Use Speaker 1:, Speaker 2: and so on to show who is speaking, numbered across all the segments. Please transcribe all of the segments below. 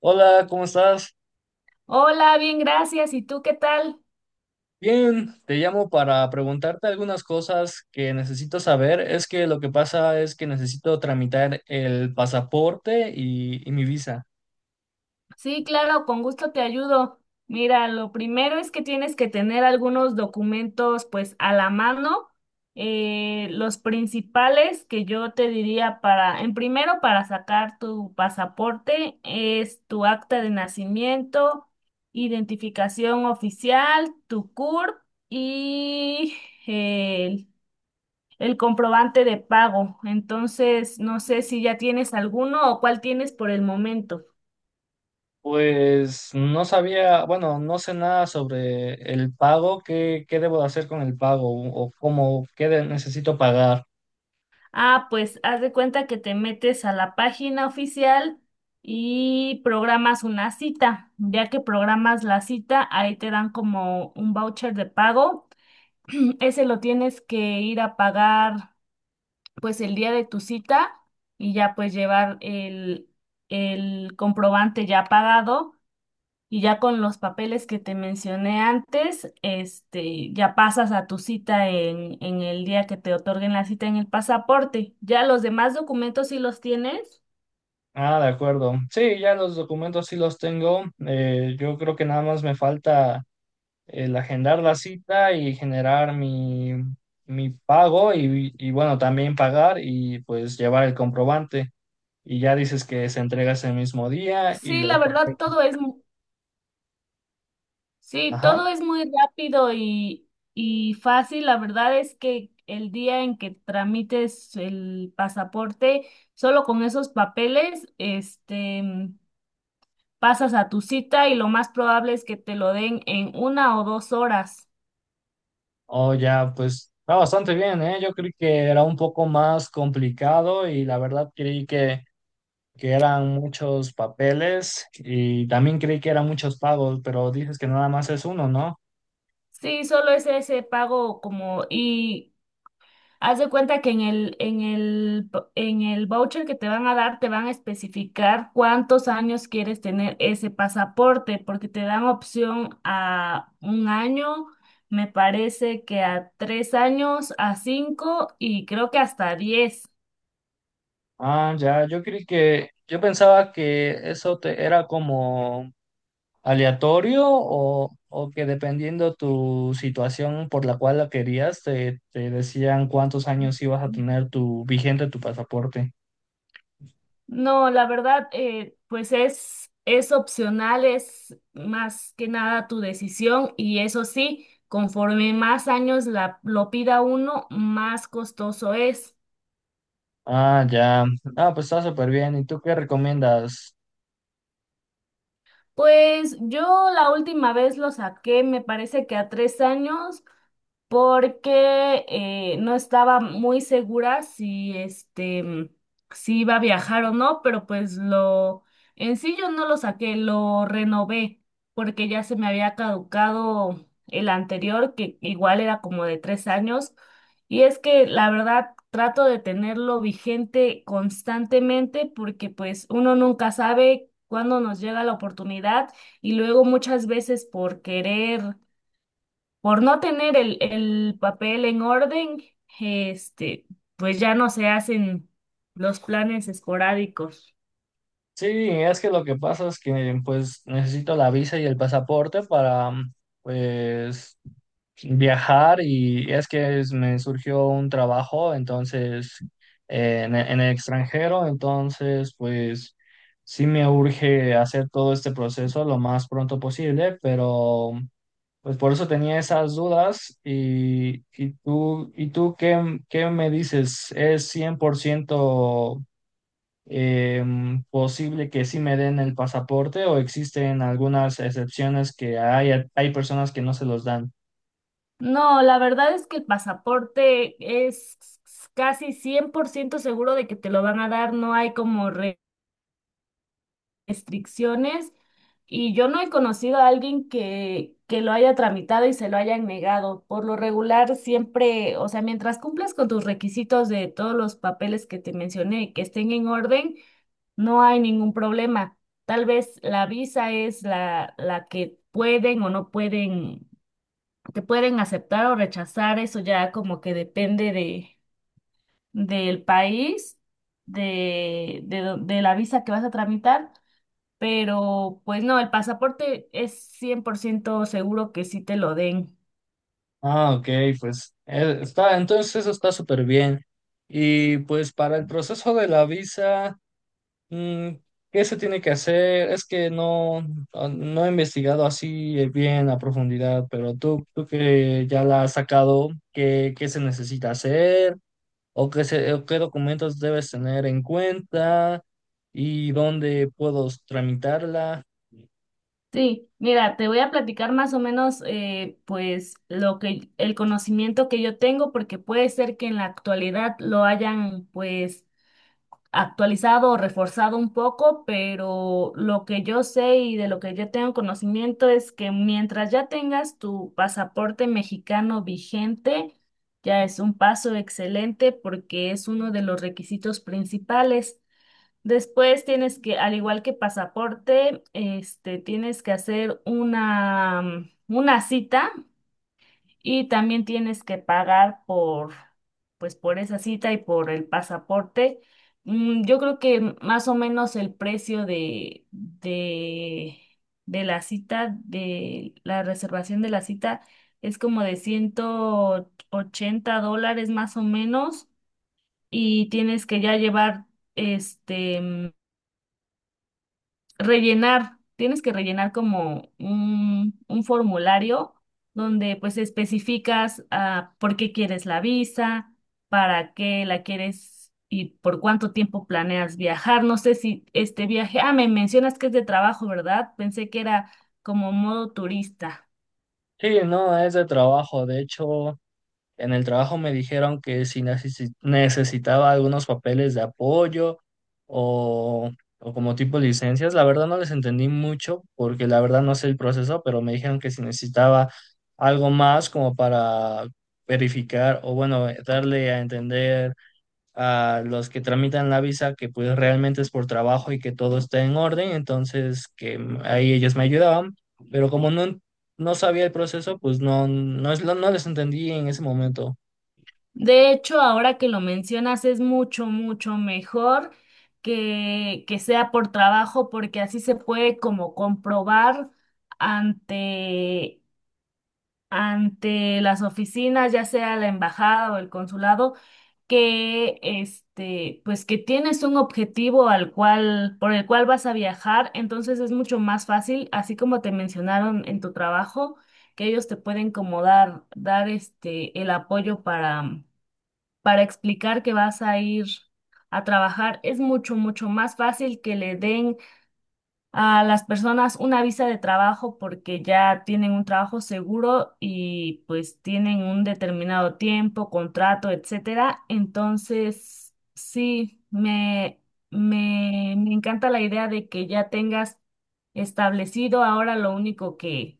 Speaker 1: Hola, ¿cómo estás?
Speaker 2: Hola, bien, gracias. ¿Y tú qué tal?
Speaker 1: Bien, te llamo para preguntarte algunas cosas que necesito saber. Es que lo que pasa es que necesito tramitar el pasaporte y mi visa.
Speaker 2: Sí, claro, con gusto te ayudo. Mira, lo primero es que tienes que tener algunos documentos pues a la mano. Los principales que yo te diría para, en primero para sacar tu pasaporte es tu acta de nacimiento, identificación oficial, tu CURP y el comprobante de pago. Entonces, no sé si ya tienes alguno o cuál tienes por el momento.
Speaker 1: Pues no sabía, bueno, no sé nada sobre el pago, qué debo de hacer con el pago o cómo, necesito pagar.
Speaker 2: Ah, pues haz de cuenta que te metes a la página oficial y programas una cita. Ya que programas la cita, ahí te dan como un voucher de pago. Ese lo tienes que ir a pagar pues el día de tu cita y ya pues llevar el comprobante ya pagado. Y ya con los papeles que te mencioné antes, ya pasas a tu cita en el día que te otorguen la cita en el pasaporte. Ya los demás documentos sí los tienes.
Speaker 1: Ah, de acuerdo. Sí, ya los documentos sí los tengo. Yo creo que nada más me falta el agendar la cita y generar mi pago y bueno, también pagar y pues llevar el comprobante. Y ya dices que se entrega ese mismo día y
Speaker 2: Sí, la
Speaker 1: los
Speaker 2: verdad,
Speaker 1: papeles.
Speaker 2: todo es, sí,
Speaker 1: Ajá.
Speaker 2: todo es muy rápido y fácil. La verdad es que el día en que tramites el pasaporte, solo con esos papeles, pasas a tu cita y lo más probable es que te lo den en 1 o 2 horas.
Speaker 1: O ya, pues está bastante bien, ¿eh? Yo creí que era un poco más complicado y la verdad creí que eran muchos papeles y también creí que eran muchos pagos, pero dices que nada más es uno, ¿no?
Speaker 2: Sí, solo es ese pago como y haz de cuenta que en el voucher que te van a dar te van a especificar cuántos años quieres tener ese pasaporte porque te dan opción a 1 año, me parece que a 3 años, a cinco y creo que hasta diez.
Speaker 1: Ah, ya, yo pensaba que eso te era como aleatorio o que dependiendo tu situación por la cual la querías, te decían cuántos años ibas a tener tu vigente tu pasaporte.
Speaker 2: No, la verdad, pues es opcional, es más que nada tu decisión y eso sí, conforme más años lo pida uno, más costoso es.
Speaker 1: Ah, ya. Ah, pues está súper bien. ¿Y tú qué recomiendas?
Speaker 2: Pues yo la última vez lo saqué, me parece que a tres años, porque no estaba muy segura si iba a viajar o no, pero pues lo en sí yo no lo saqué, lo renové porque ya se me había caducado el anterior, que igual era como de 3 años. Y es que la verdad trato de tenerlo vigente constantemente porque pues uno nunca sabe cuándo nos llega la oportunidad y luego muchas veces por querer por no tener el papel en orden, este, pues ya no se hacen los planes esporádicos.
Speaker 1: Sí, es que lo que pasa es que pues necesito la visa y el pasaporte para pues viajar y me surgió un trabajo, entonces, en el extranjero, entonces, pues sí me urge hacer todo este proceso lo más pronto posible, pero pues por eso tenía esas dudas. ¿Y tú qué me dices? ¿Es 100% posible que sí me den el pasaporte o existen algunas excepciones que hay personas que no se los dan?
Speaker 2: No, la verdad es que el pasaporte es casi 100% seguro de que te lo van a dar, no hay como restricciones y yo no he conocido a alguien que lo haya tramitado y se lo hayan negado. Por lo regular, siempre, o sea, mientras cumplas con tus requisitos de todos los papeles que te mencioné, y que estén en orden, no hay ningún problema. Tal vez la visa es la que pueden o no pueden, te pueden aceptar o rechazar, eso ya como que depende de, del país, de la visa que vas a tramitar, pero pues no, el pasaporte es 100% seguro que sí te lo den.
Speaker 1: Ah, ok, pues entonces eso está súper bien. Y pues para el proceso de la visa, mm, ¿qué se tiene que hacer? Es que no he investigado así bien a profundidad, pero tú que ya la has sacado, ¿qué se necesita hacer? ¿O qué documentos debes tener en cuenta? ¿Y dónde puedo tramitarla?
Speaker 2: Sí, mira, te voy a platicar más o menos pues lo que el conocimiento que yo tengo porque puede ser que en la actualidad lo hayan pues actualizado o reforzado un poco, pero lo que yo sé y de lo que yo tengo conocimiento es que mientras ya tengas tu pasaporte mexicano vigente, ya es un paso excelente porque es uno de los requisitos principales. Después tienes que, al igual que pasaporte, tienes que hacer una cita y también tienes que pagar por, pues, por esa cita y por el pasaporte. Yo creo que más o menos el precio de la cita, de la reservación de la cita, es como de $180 más o menos. Y tienes que ya llevar este tienes que rellenar como un formulario donde pues especificas por qué quieres la visa, para qué la quieres y por cuánto tiempo planeas viajar. No sé si este viaje, me mencionas que es de trabajo, ¿verdad? Pensé que era como modo turista.
Speaker 1: Sí, no, es de trabajo, de hecho. En el trabajo me dijeron que si necesitaba algunos papeles de apoyo o, o como tipo licencias, la verdad no les entendí mucho porque la verdad no sé el proceso, pero me dijeron que si necesitaba algo más como para verificar o bueno, darle a entender a los que tramitan la visa que pues realmente es por trabajo y que todo está en orden, entonces que ahí ellos me ayudaban, pero como no sabía el proceso, pues no les entendí en ese momento.
Speaker 2: De hecho, ahora que lo mencionas, es mucho, mucho mejor que sea por trabajo, porque así se puede como comprobar ante ante las oficinas, ya sea la embajada o el consulado, que pues que tienes un objetivo al cual, por el cual vas a viajar, entonces es mucho más fácil, así como te mencionaron en tu trabajo, que ellos te pueden como dar, dar el apoyo para explicar que vas a ir a trabajar. Es mucho, mucho más fácil que le den a las personas una visa de trabajo porque ya tienen un trabajo seguro y pues tienen un determinado tiempo, contrato, etcétera. Entonces, sí, me encanta la idea de que ya tengas establecido. Ahora lo único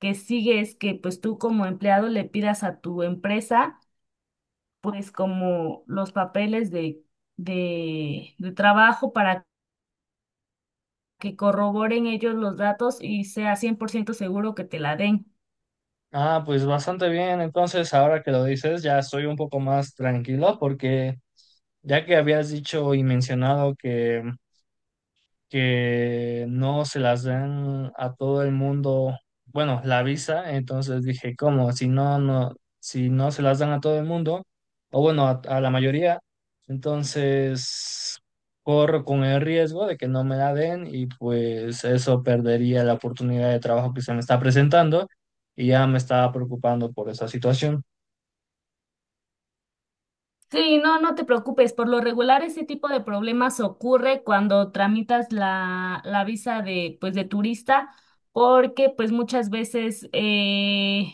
Speaker 2: que sigue es que pues tú como empleado le pidas a tu empresa pues como los papeles de, de trabajo para que corroboren ellos los datos y sea 100% seguro que te la den.
Speaker 1: Ah, pues bastante bien. Entonces, ahora que lo dices, ya estoy un poco más tranquilo porque ya que habías dicho y mencionado que no se las dan a todo el mundo, bueno, la visa, entonces dije, ¿cómo? Si no, si no se las dan a todo el mundo, o bueno, a la mayoría, entonces corro con el riesgo de que no me la den y pues eso perdería la oportunidad de trabajo que se me está presentando y ya me estaba preocupando por esa situación.
Speaker 2: Sí, no, no te preocupes. Por lo regular, ese tipo de problemas ocurre cuando tramitas la visa de, pues, de turista, porque pues muchas veces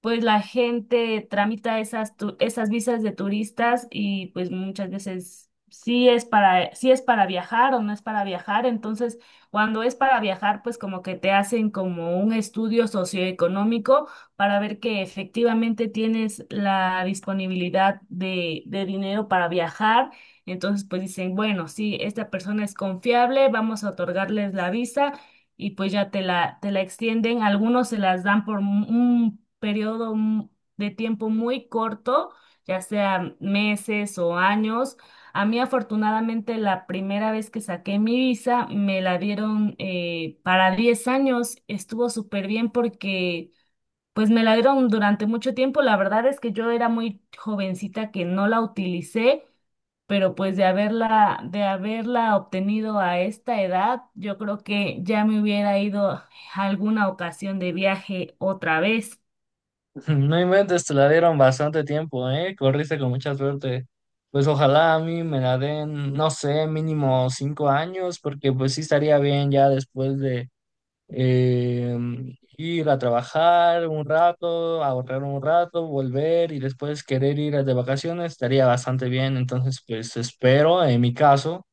Speaker 2: pues la gente tramita esas visas de turistas y pues muchas veces sí es para viajar o no es para viajar. Entonces, cuando es para viajar, pues como que te hacen como un estudio socioeconómico para ver que efectivamente tienes la disponibilidad de dinero para viajar. Entonces, pues dicen, bueno, sí, esta persona es confiable, vamos a otorgarles la visa y pues ya te la extienden. Algunos se las dan por un periodo de tiempo muy corto, ya sea meses o años. A mí afortunadamente la primera vez que saqué mi visa me la dieron para 10 años. Estuvo súper bien porque pues me la dieron durante mucho tiempo. La verdad es que yo era muy jovencita que no la utilicé, pero pues de haberla obtenido a esta edad, yo creo que ya me hubiera ido a alguna ocasión de viaje otra vez.
Speaker 1: No inventes, te la dieron bastante tiempo, ¿eh? Corriste con mucha suerte. Pues ojalá a mí me la den, no sé, mínimo 5 años, porque pues sí estaría bien ya después de eh, ir a trabajar un rato, ahorrar un rato, volver y después querer ir de vacaciones, estaría bastante bien. Entonces, pues espero, en mi caso,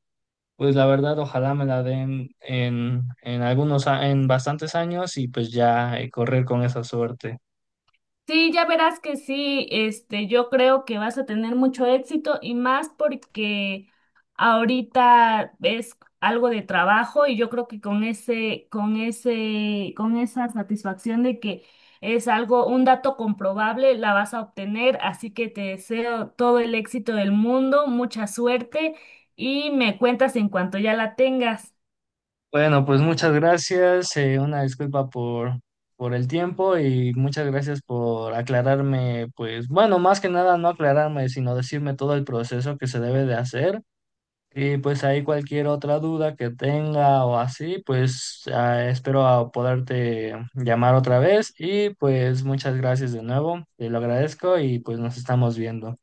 Speaker 1: pues la verdad, ojalá me la den en bastantes años y pues ya correr con esa suerte.
Speaker 2: Sí, ya verás que sí, yo creo que vas a tener mucho éxito y más porque ahorita es algo de trabajo y yo creo que con esa satisfacción de que es algo, un dato comprobable, la vas a obtener, así que te deseo todo el éxito del mundo, mucha suerte y me cuentas en cuanto ya la tengas.
Speaker 1: Bueno, pues muchas gracias, una disculpa por el tiempo y muchas gracias por aclararme, pues bueno, más que nada no aclararme, sino decirme todo el proceso que se debe de hacer y pues ahí cualquier otra duda que tenga o así, pues espero a poderte llamar otra vez y pues muchas gracias de nuevo, te lo agradezco y pues nos estamos viendo.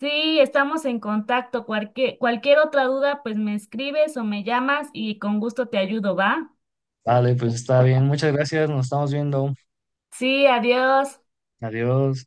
Speaker 2: Sí, estamos en contacto. Cualquier otra duda, pues me escribes o me llamas y con gusto te ayudo, ¿va?
Speaker 1: Vale, pues está bien, muchas gracias, nos estamos viendo,
Speaker 2: Sí, adiós.
Speaker 1: adiós.